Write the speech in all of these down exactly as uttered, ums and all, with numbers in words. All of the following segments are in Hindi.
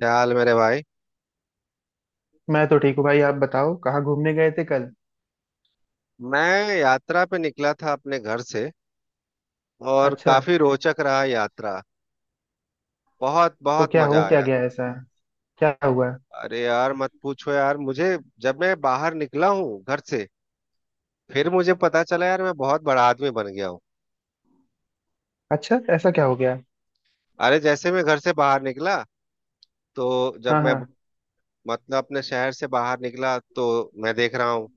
क्या हाल, मेरे भाई। मैं तो ठीक हूँ भाई। आप बताओ, कहाँ घूमने गए थे कल? मैं यात्रा पे निकला था अपने घर से। और अच्छा। काफी रोचक रहा यात्रा। बहुत तो बहुत क्या हो मजा क्या आया। गया ऐसा? क्या हुआ? अरे यार, मत पूछो यार मुझे, जब मैं बाहर निकला हूँ घर से, फिर मुझे पता चला यार, मैं बहुत बड़ा आदमी बन गया हूँ। अच्छा, ऐसा क्या हो गया? अरे, जैसे मैं घर से बाहर निकला तो जब हाँ, मैं हाँ। मतलब अपने शहर से बाहर निकला, तो मैं देख रहा हूँ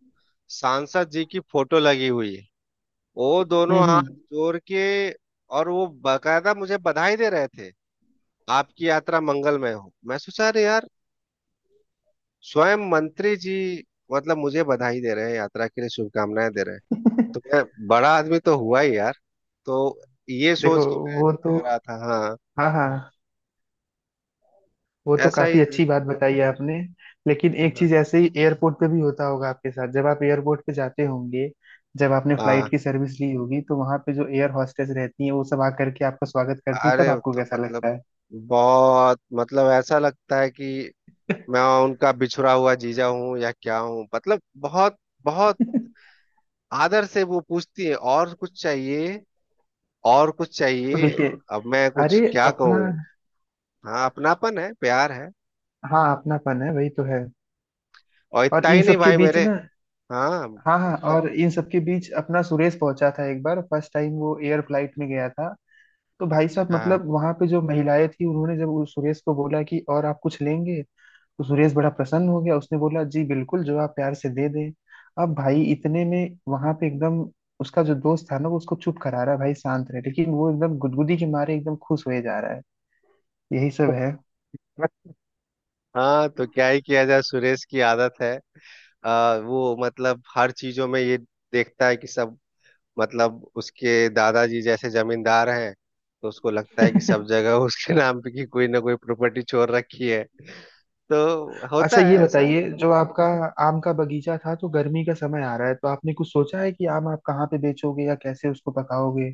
सांसद जी की फोटो लगी हुई है। वो हम्म, दोनों हाथ हम्म। जोड़ के, और वो बाकायदा मुझे बधाई दे रहे थे। आपकी यात्रा मंगलमय हो। मैं सोचा, अरे यार, स्वयं मंत्री जी मतलब मुझे बधाई दे रहे हैं, यात्रा के लिए शुभकामनाएं दे रहे हैं। तो मैं बड़ा आदमी तो हुआ ही यार। तो ये देखो, सोच के मैं वो तो, जा रहा था। हाँ, हाँ, हाँ, वो तो ऐसा काफी ही। अच्छी बात बताई है आपने। लेकिन एक हाँ, चीज ऐसे ही एयरपोर्ट पे भी होता होगा आपके साथ, जब आप एयरपोर्ट पे जाते होंगे। जब आपने हाँ, फ्लाइट की सर्विस ली होगी तो वहां पे जो एयर हॉस्टेस रहती है वो सब आकर के आपका स्वागत करती है, अरे तब आपको तो कैसा मतलब, लगता है? बहुत मतलब ऐसा लगता है कि मैं उनका बिछुड़ा हुआ जीजा हूँ या क्या हूँ, मतलब बहुत बहुत आदर से वो पूछती है, और कुछ चाहिए, और कुछ तो चाहिए। देखिए, अब मैं कुछ अरे, क्या अपना, कहूँ। हाँ, अपनापन है, प्यार है। हाँ अपनापन है, वही तो है। और और इतना इन ही नहीं सब के भाई बीच मेरे। ना, हाँ। हाँ, हाँ, इन सब। और इन सब के बीच अपना सुरेश पहुंचा था एक बार, फर्स्ट टाइम वो एयर फ्लाइट में गया था। तो भाई साहब अच्छा। मतलब वहां पे जो महिलाएं थी उन्होंने जब उस सुरेश को बोला कि और आप कुछ लेंगे, तो सुरेश बड़ा प्रसन्न हो गया। उसने बोला, जी बिल्कुल, जो आप प्यार से दे दें। अब भाई इतने में वहां पे एकदम, उसका जो दोस्त था ना वो उसको चुप करा रहा है, भाई शांत रहे, लेकिन वो एकदम गुदगुदी के मारे एकदम खुश हुए जा रहा है। यही सब हाँ, तो क्या ही किया जाए, सुरेश की आदत है। आ, वो मतलब हर चीजों में ये देखता है कि सब, मतलब उसके दादाजी जैसे जमींदार हैं, तो उसको लगता है। है कि सब जगह उसके नाम पे की कोई ना कोई प्रॉपर्टी छोड़ रखी है। तो अच्छा होता ये है ऐसा। बताइए, जो आपका आम का बगीचा था, तो गर्मी का समय आ रहा है, तो आपने कुछ सोचा है कि आम आप कहाँ पे बेचोगे या कैसे उसको पकाओगे?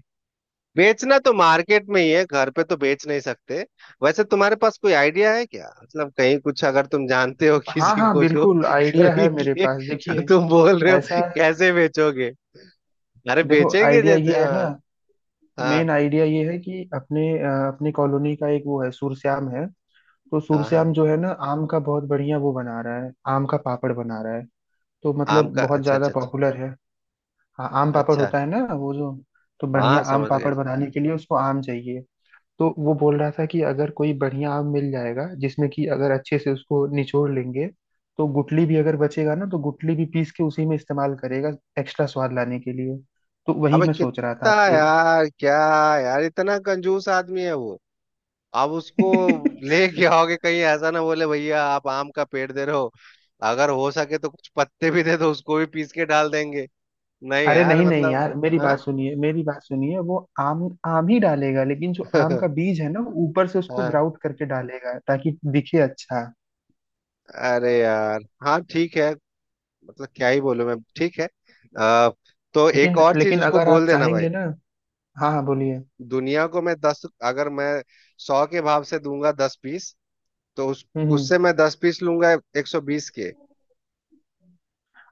बेचना तो मार्केट में ही है, घर पे तो बेच नहीं सकते। वैसे तुम्हारे पास कोई आइडिया है क्या, मतलब कहीं कुछ, अगर तुम जानते हो हाँ, किसी हाँ, को जो बिल्कुल आइडिया है खरीद मेरे ले, पास। जो देखिए, तुम बोल रहे हो? ऐसा, कैसे बेचोगे? अरे देखो बेचेंगे आइडिया जैसे। ये है ना। हाँ। हाँ, मेन आइडिया ये है कि अपने अ, अपने कॉलोनी का एक वो है, सूरश्याम है। तो हाँ, हाँ। सूरश्याम जो है ना आम का बहुत बढ़िया वो बना रहा है, आम का पापड़ बना रहा है। तो आम मतलब का, बहुत अच्छा, ज्यादा अच्छा, अच्छा, पॉपुलर है। हाँ आम पापड़ अच्छा। होता है ना वो जो। तो बढ़िया हाँ, आम समझ गया, पापड़ समझ। बनाने के लिए उसको आम चाहिए। तो वो बोल रहा था कि अगर कोई बढ़िया आम मिल जाएगा जिसमें कि अगर अच्छे से उसको निचोड़ लेंगे, तो गुठली भी अगर बचेगा ना तो गुठली भी पीस के उसी में इस्तेमाल करेगा, एक्स्ट्रा स्वाद लाने के लिए। तो वही अबे, मैं सोच रहा कितना था। यार, क्या यार, इतना कंजूस आदमी है वो। आप उसको आपके ले क्या होगे, कहीं ऐसा ना बोले, भैया आप आम का पेड़ दे रहे हो, अगर हो सके तो कुछ पत्ते भी दे दो, उसको भी पीस के डाल देंगे। नहीं अरे यार, नहीं, नहीं मतलब। यार, मेरी हाँ। बात सुनिए, मेरी बात सुनिए। वो आम आम ही डालेगा, लेकिन जो आम का बीज है ना वो ऊपर से उसको हाँ। ग्राउट करके डालेगा, ताकि दिखे अच्छा। अरे यार, हाँ ठीक है, मतलब क्या ही बोलूं मैं, ठीक है। आ, तो एक लेकिन और चीज लेकिन उसको अगर आप बोल देना भाई, चाहेंगे ना, हाँ, हाँ, बोलिए। दुनिया को मैं दस, अगर मैं सौ के भाव से दूंगा दस पीस, तो उस हम्म, हम्म। उससे मैं दस पीस लूंगा एक सौ बीस के।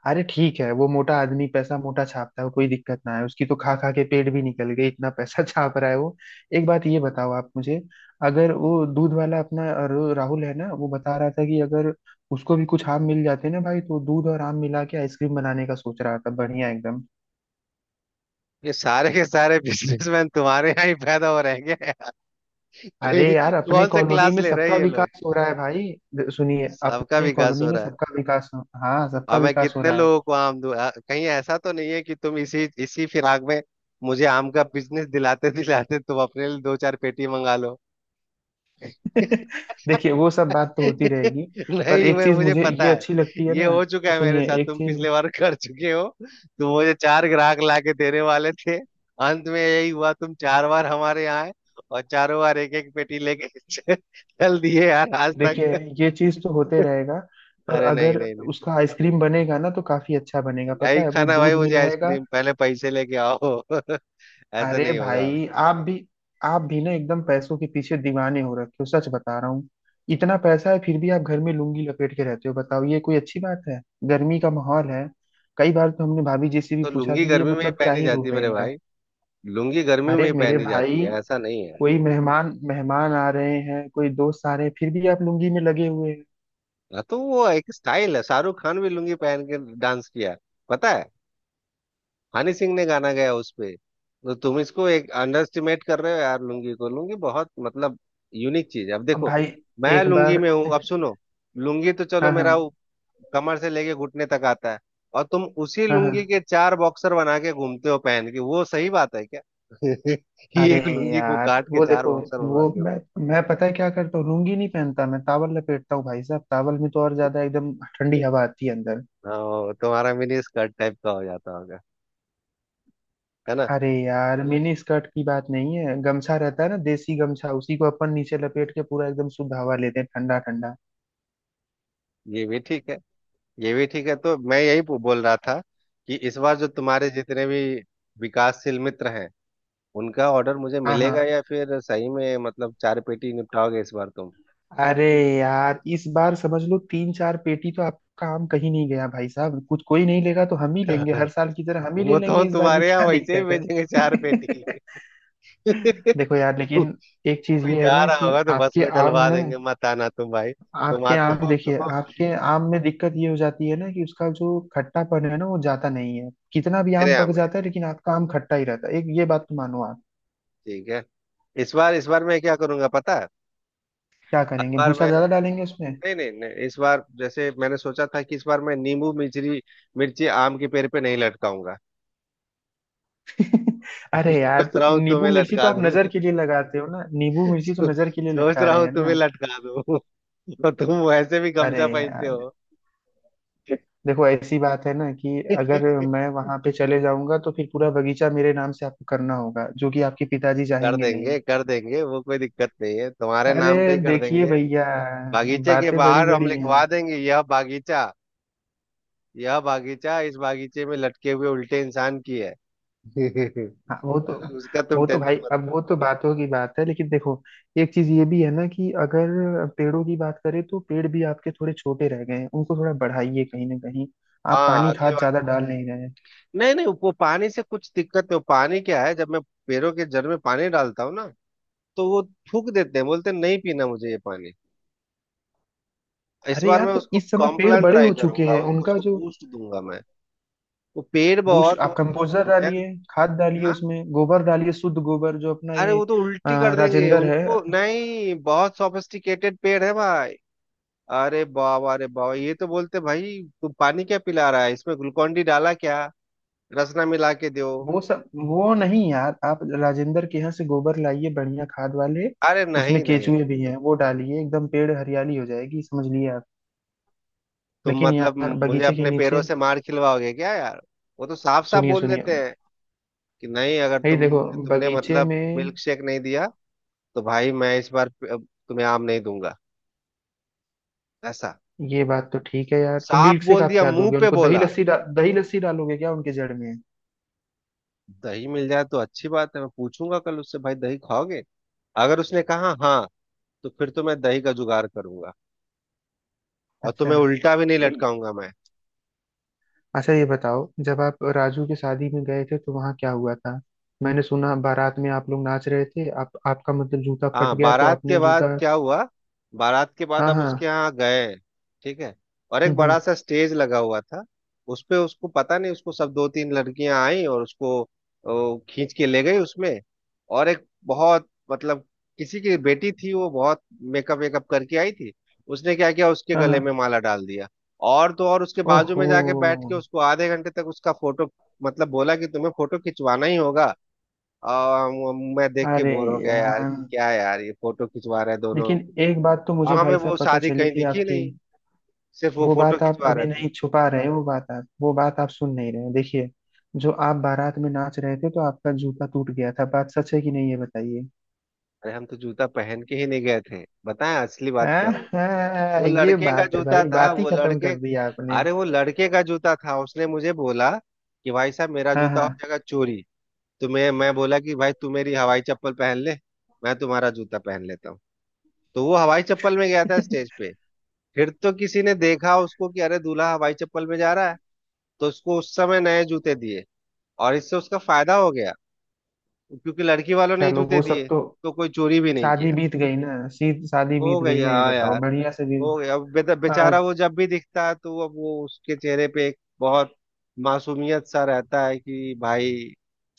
अरे ठीक है, वो मोटा आदमी पैसा मोटा छापता है, कोई दिक्कत ना है उसकी। तो खा खा के पेट भी निकल गए, इतना पैसा छाप रहा है वो। एक बात ये बताओ आप मुझे। अगर वो दूध वाला अपना रो- राहुल है ना, वो बता रहा था कि अगर उसको भी कुछ आम मिल जाते ना भाई, तो दूध और आम मिला के आइसक्रीम बनाने का सोच रहा था, बढ़िया एकदम। ये सारे के सारे बिजनेसमैन तुम्हारे यहाँ ही पैदा हो रहेंगे। अरे यही यार अपने कौन सा कॉलोनी क्लास में ले रहे सबका हैं ये लोग। विकास हो रहा है भाई। द- सुनिए, सबका अपने विकास कॉलोनी हो में रहा है। सबका विकास हो, हाँ, सबका अब मैं विकास हो कितने रहा है। लोगों को आम दूं? आ- कहीं ऐसा तो नहीं है कि तुम इसी इसी फिराक में मुझे आम का बिजनेस दिलाते दिलाते तुम अपने लिए दो चार पेटी मंगा लो। देखिए, वो सब बात तो होती रहेगी। पर नहीं, एक मैं चीज मुझे मुझे ये पता है, अच्छी लगती है ये ना। हो चुका है मेरे सुनिए साथ, एक तुम चीज। पिछले बार कर चुके हो, तुम मुझे चार ग्राहक लाके देने वाले थे, अंत में यही हुआ, तुम चार बार हमारे यहाँ आए, और चारों बार एक एक पेटी लेके चल दिए यार आज देखिए, तक। ये चीज तो होते रहेगा। पर अरे, नहीं, अगर नहीं, नहीं। उसका आइसक्रीम बनेगा ना, तो काफी अच्छा बनेगा, पता नहीं है वो खाना भाई, दूध मुझे मिलाएगा। आइसक्रीम पहले पैसे लेके आओ ऐसा अरे नहीं होगा। भाई आप भी, आप भी ना एकदम पैसों के पीछे दीवाने हो रखे हो, सच बता रहा हूँ। इतना पैसा है फिर भी आप घर में लुंगी लपेट के रहते हो, बताओ ये कोई अच्छी बात है? गर्मी का माहौल है। कई बार तो हमने भाभी जी से भी तो पूछा लुंगी कि ये गर्मी में ही मतलब क्या पहनी ही जाती है रूप है मेरे इनका। भाई। लुंगी गर्मी में अरे ही मेरे पहनी भाई, जाती है, ऐसा नहीं है। कोई मेहमान मेहमान आ रहे हैं, कोई दोस्त आ रहे हैं, फिर भी आप लुंगी में लगे हुए हैं। हाँ, तो वो एक स्टाइल है, शाहरुख खान भी लुंगी पहन के डांस किया, पता है। हनी सिंह ने गाना गाया उस पे, तो तुम इसको एक अंडरस्टिमेट कर रहे हो यार, लुंगी को। लुंगी बहुत मतलब यूनिक चीज है। अब अब देखो, भाई मैं एक लुंगी बार, में हूँ, अब सुनो, लुंगी तो चलो हाँ, मेरा हाँ, कमर से लेके घुटने तक आता है, और तुम उसी हाँ, हाँ। लुंगी के चार बॉक्सर बना के घूमते हो पहन के, वो सही बात है क्या? ये अरे एक लुंगी को यार काट के वो चार देखो, बॉक्सर वो बनवाते मैं हो। मैं पता है क्या करता हूँ, लुंगी नहीं पहनता मैं, तावल लपेटता हूँ भाई साहब। तावल में तो और ज्यादा एकदम ठंडी हवा आती है अंदर। हाँ, वो तुम्हारा मिनी स्कर्ट टाइप का हो जाता होगा, है ना? अरे यार मिनी स्कर्ट की बात नहीं है, गमछा रहता है ना देसी गमछा, उसी को अपन नीचे लपेट के पूरा एकदम शुद्ध हवा लेते हैं, ठंडा ठंडा। ये भी ठीक है, ये भी ठीक है, तो मैं यही पू- बोल रहा था, कि इस बार जो तुम्हारे जितने भी विकासशील मित्र हैं, उनका ऑर्डर मुझे हाँ, मिलेगा, हाँ। या फिर सही में मतलब चार पेटी निपटाओगे इस बार तुम? अरे यार इस बार समझ लो तीन चार पेटी तो आपका आम कहीं नहीं गया भाई साहब। कुछ कोई नहीं लेगा तो हम ही लेंगे, हर साल की तरह हम ही ले वो तो हम लेंगे, इस बार भी तुम्हारे यहाँ क्या वैसे ही दिक्कत है? भेजेंगे चार पेटी। देखो यार, लेकिन कोई एक चीज ये है जा ना रहा कि होगा तो बस आपके में आम डलवा में, देंगे, मत आना तुम भाई, तुम आपके आते आम हो तो देखिए आपके आम में दिक्कत ये हो जाती है ना कि उसका जो खट्टापन है ना वो जाता नहीं है, कितना भी मेरे आम यहाँ पक में। जाता है लेकिन आपका आम खट्टा ही रहता है, एक ये बात तो मानो आप। ठीक है। इस बार, इस बार मैं क्या करूंगा पता है, क्या हर करेंगे, बार भूसा मैं, ज्यादा डालेंगे उसमें? नहीं, नहीं, नहीं, इस बार जैसे मैंने सोचा था कि इस बार मैं नींबू मिर्ची, मिर्ची आम के पेड़ पे नहीं लटकाऊंगा। अरे यार सोच तो रहा हूँ नींबू तुम्हें मिर्ची तो लटका आप दूं। नजर के लिए लगाते हो ना, नींबू मिर्ची सो- तो नजर के लिए सोच लटका रहा रहे हूँ हैं तुम्हें ना। लटका दूं। और तुम वैसे भी अरे गमछा पहनते यार हो। देखो, ऐसी बात है ना कि अगर मैं वहां पे चले जाऊंगा, तो फिर पूरा बगीचा मेरे नाम से आपको करना होगा, जो कि आपके पिताजी कर चाहेंगे नहीं। देंगे, कर देंगे, वो कोई दिक्कत नहीं है, तुम्हारे अरे नाम पे ही कर देखिए देंगे। भैया, बागीचे के बातें बड़ी बाहर हम बड़ी लिखवा हैं। देंगे, यह बागीचा, यह बागीचा इस बागीचे में लटके हुए उल्टे इंसान की है। हाँ वो तो, उसका तुम वो तो टेंशन भाई मत। अब वो तो बातों की बात है, लेकिन देखो एक चीज ये भी है ना कि अगर पेड़ों की बात करें तो पेड़ भी आपके थोड़े छोटे रह गए हैं, उनको थोड़ा बढ़ाइए कहीं ना कहीं। आप हाँ, पानी अगली खाद बार। ज्यादा डाल नहीं रहे हैं। नहीं, नहीं, वो पानी से कुछ दिक्कत नहीं, वो पानी क्या है, जब मैं पेड़ों के जड़ में पानी डालता हूँ ना, तो वो थूक देते हैं, बोलते हैं, नहीं पीना मुझे ये पानी। इस अरे बार यार मैं तो उसको इस समय पेड़ कॉम्प्लान बड़े ट्राई हो चुके करूंगा, हैं उसको उनका उसको जो, बूस्ट दूंगा मैं। वो पेड़ बूस्ट बहुत आप बहुत दुखी कंपोस्टर हो गया। डालिए, खाद डालिए, हाँ। उसमें गोबर डालिए, शुद्ध गोबर जो अपना अरे, ये वो तो अ, उल्टी कर देंगे राजेंद्र है। उनको, नहीं, बहुत सॉफिस्टिकेटेड पेड़ है भाई। अरे बाबा, अरे बाबा, ये तो बोलते, भाई तू पानी क्या पिला रहा है, इसमें ग्लूकोन डी डाला क्या, रसना मिला के दो। वो सब वो नहीं यार, आप राजेंद्र के यहाँ से गोबर लाइए, बढ़िया खाद वाले। अरे, उसमें नहीं, नहीं, केचुए भी हैं, वो डालिए, एकदम पेड़ हरियाली हो जाएगी, समझ लिए आप। तुम लेकिन मतलब यार मुझे बगीचे के अपने पैरों नीचे, से मार खिलवाओगे क्या यार। वो तो साफ साफ सुनिए, बोल सुनिए देते हैं कि नहीं, अगर भाई, देखो तुम तुमने बगीचे मतलब में, मिल्क शेक नहीं दिया, तो भाई मैं इस बार प- तुम्हें आम नहीं दूंगा। ऐसा ये बात तो ठीक है यार। तो साफ मिल्क शेक बोल आप दिया, क्या मुंह दोगे पे उनको, दही बोला। लस्सी डा, दही लस्सी डालोगे क्या उनके जड़ में? दही मिल जाए तो अच्छी बात है, मैं पूछूंगा कल उससे, भाई दही खाओगे? अगर उसने कहा हाँ, तो फिर तो मैं दही का जुगाड़ करूंगा, और अच्छा तुम्हें उल्टा भी नहीं तो ये- लटकाऊंगा मैं। अच्छा ये बताओ जब आप राजू के शादी में गए थे तो वहाँ क्या हुआ था। मैंने सुना बारात में आप लोग नाच रहे थे, आप आपका मतलब जूता फट हाँ, गया तो बारात के आपने बाद जूता, क्या हुआ? बारात के बाद हाँ, हम उसके हाँ, यहाँ गए, ठीक है, और एक हम्म, हम्म, बड़ा सा स्टेज लगा हुआ था। उस पे उसको पता नहीं, उसको सब दो तीन लड़कियां आई और उसको ओ, खींच के ले गई उसमें। और एक बहुत मतलब, किसी की बेटी थी, वो बहुत मेकअप वेकअप करके आई थी। उसने क्या किया, उसके हाँ, गले में हाँ। माला डाल दिया। और तो और, उसके बाजू में ओहो। जाके बैठ के उसको आधे घंटे तक उसका फोटो, मतलब बोला कि तुम्हें फोटो खिंचवाना ही होगा। आ, मैं देख के अरे बोर हो गया यार, यार कि क्या है यार, ये फोटो खिंचवा रहे हैं दोनों, लेकिन एक बात तो और मुझे हमें भाई वो साहब पता शादी चली कहीं थी दिखी आपकी। नहीं, सिर्फ वो वो फोटो बात आप खिंचवा अभी रहे थे। नहीं छुपा रहे हो, वो बात आप वो बात आप सुन नहीं रहे हैं। देखिए, जो आप बारात में नाच रहे थे, तो आपका जूता टूट गया था, बात सच है कि नहीं ये बताइए। अरे, हम तो जूता पहन के ही नहीं गए थे, बताएं असली बात क्या हुआ। आहा, वो ये लड़के का बात है जूता भाई, था बात ही वो खत्म लड़के कर दी आपने। अरे, वो लड़के का जूता था, उसने मुझे बोला कि भाई साहब, मेरा हाँ, जूता हो हाँ। जाएगा चोरी। तो मैं मैं बोला कि भाई तू मेरी हवाई चप्पल पहन ले, मैं तुम्हारा जूता पहन लेता हूँ। तो वो हवाई चप्पल में गया था स्टेज पे, फिर तो किसी ने देखा उसको कि अरे, दूल्हा हवाई चप्पल में जा रहा है, तो उसको उस समय नए जूते दिए, और इससे उसका फायदा हो गया, क्योंकि लड़की वालों ने ही चलो जूते वो सब दिए, तो, तो कोई चोरी भी नहीं शादी किया। बीत गई ना सी शादी हो बीत गई गई ना, ये हाँ बताओ यार, बढ़िया से भी, हो गया। अब बेद- आ, बेचारा वो जब भी दिखता है तो अब वो उसके चेहरे पे एक बहुत मासूमियत सा रहता है, कि भाई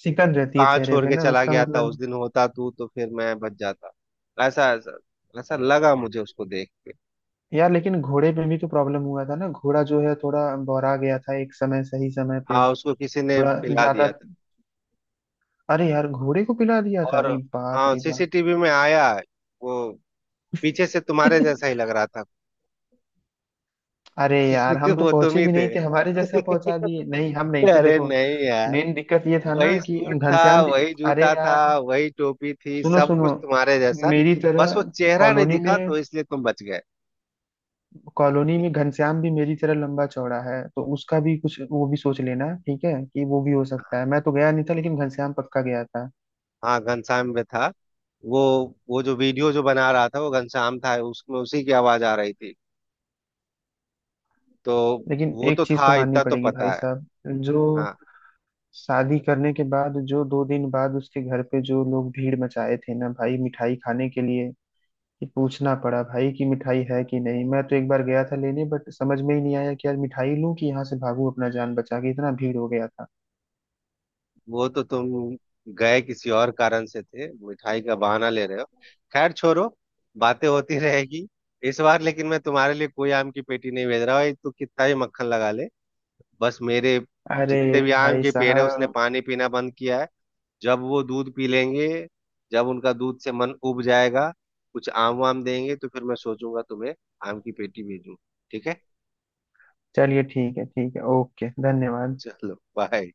सिकन तू रहती है कहाँ चेहरे छोड़ पे के ना चला उसका गया था, उस मतलब। दिन होता तू तो फिर मैं बच जाता। ऐसा, ऐसा, ऐसा लगा मुझे उसको देख के। यार लेकिन घोड़े पे भी तो प्रॉब्लम हुआ था ना, घोड़ा जो है थोड़ा बौरा गया था एक समय, सही समय पे, हाँ, उसको किसी ने थोड़ा पिला ज्यादा। दिया था। अरे यार घोड़े को पिला दिया था? और अरे बाप हाँ, रे बाप। सीसीटीवी में आया है, वो पीछे से तुम्हारे जैसा ही लग रहा था। अरे यार हम तो वो तुम पहुंचे ही भी थे। नहीं थे, हमारे जैसा पहुंचा दिए, नहीं हम नहीं थे अरे देखो। नहीं यार, मेन दिक्कत ये था ना वही कि सूट था, घनश्याम भी, वही अरे जूता था, यार वही टोपी थी, सुनो, सब सुनो। कुछ तुम्हारे जैसा, मेरी तरह बस वो चेहरा नहीं कॉलोनी दिखा में, तो इसलिए तुम बच गए। कॉलोनी में घनश्याम भी मेरी तरह लंबा चौड़ा है, तो उसका भी कुछ वो भी सोच लेना, ठीक है कि वो भी हो सकता है, मैं तो गया नहीं था लेकिन घनश्याम पक्का गया था। हाँ, घनश्याम में था। वो वो जो वीडियो जो बना रहा था वो घनश्याम था, उसमें उसी की आवाज आ रही थी तो। लेकिन वो एक तो चीज तो था, माननी इतना तो पड़ेगी भाई पता है। साहब। जो हाँ, शादी करने के बाद, जो दो दिन बाद उसके घर पे जो लोग भीड़ मचाए थे ना भाई मिठाई खाने के लिए, कि पूछना पड़ा भाई कि मिठाई है कि नहीं। मैं तो एक बार गया था लेने, बट समझ में ही नहीं आया कि यार मिठाई लूं कि यहाँ से भागूं अपना जान बचा के, इतना भीड़ हो गया था। वो तो तुम गए किसी और कारण से थे, मिठाई का बहाना ले रहे हो। खैर छोड़ो, बातें होती रहेगी। इस बार लेकिन मैं तुम्हारे लिए कोई आम की पेटी नहीं भेज रहा हूँ, तू कितना ही मक्खन लगा ले, बस मेरे अरे जितने भी आम भाई के पेड़ है उसने साहब, पानी पीना बंद किया है। जब वो दूध पी लेंगे, जब उनका दूध से मन उब जाएगा, कुछ आम वाम देंगे, तो फिर मैं सोचूंगा तुम्हें आम की पेटी भेजूं। ठीक है। चलिए ठीक है, ठीक है, ओके, धन्यवाद। चलो बाय।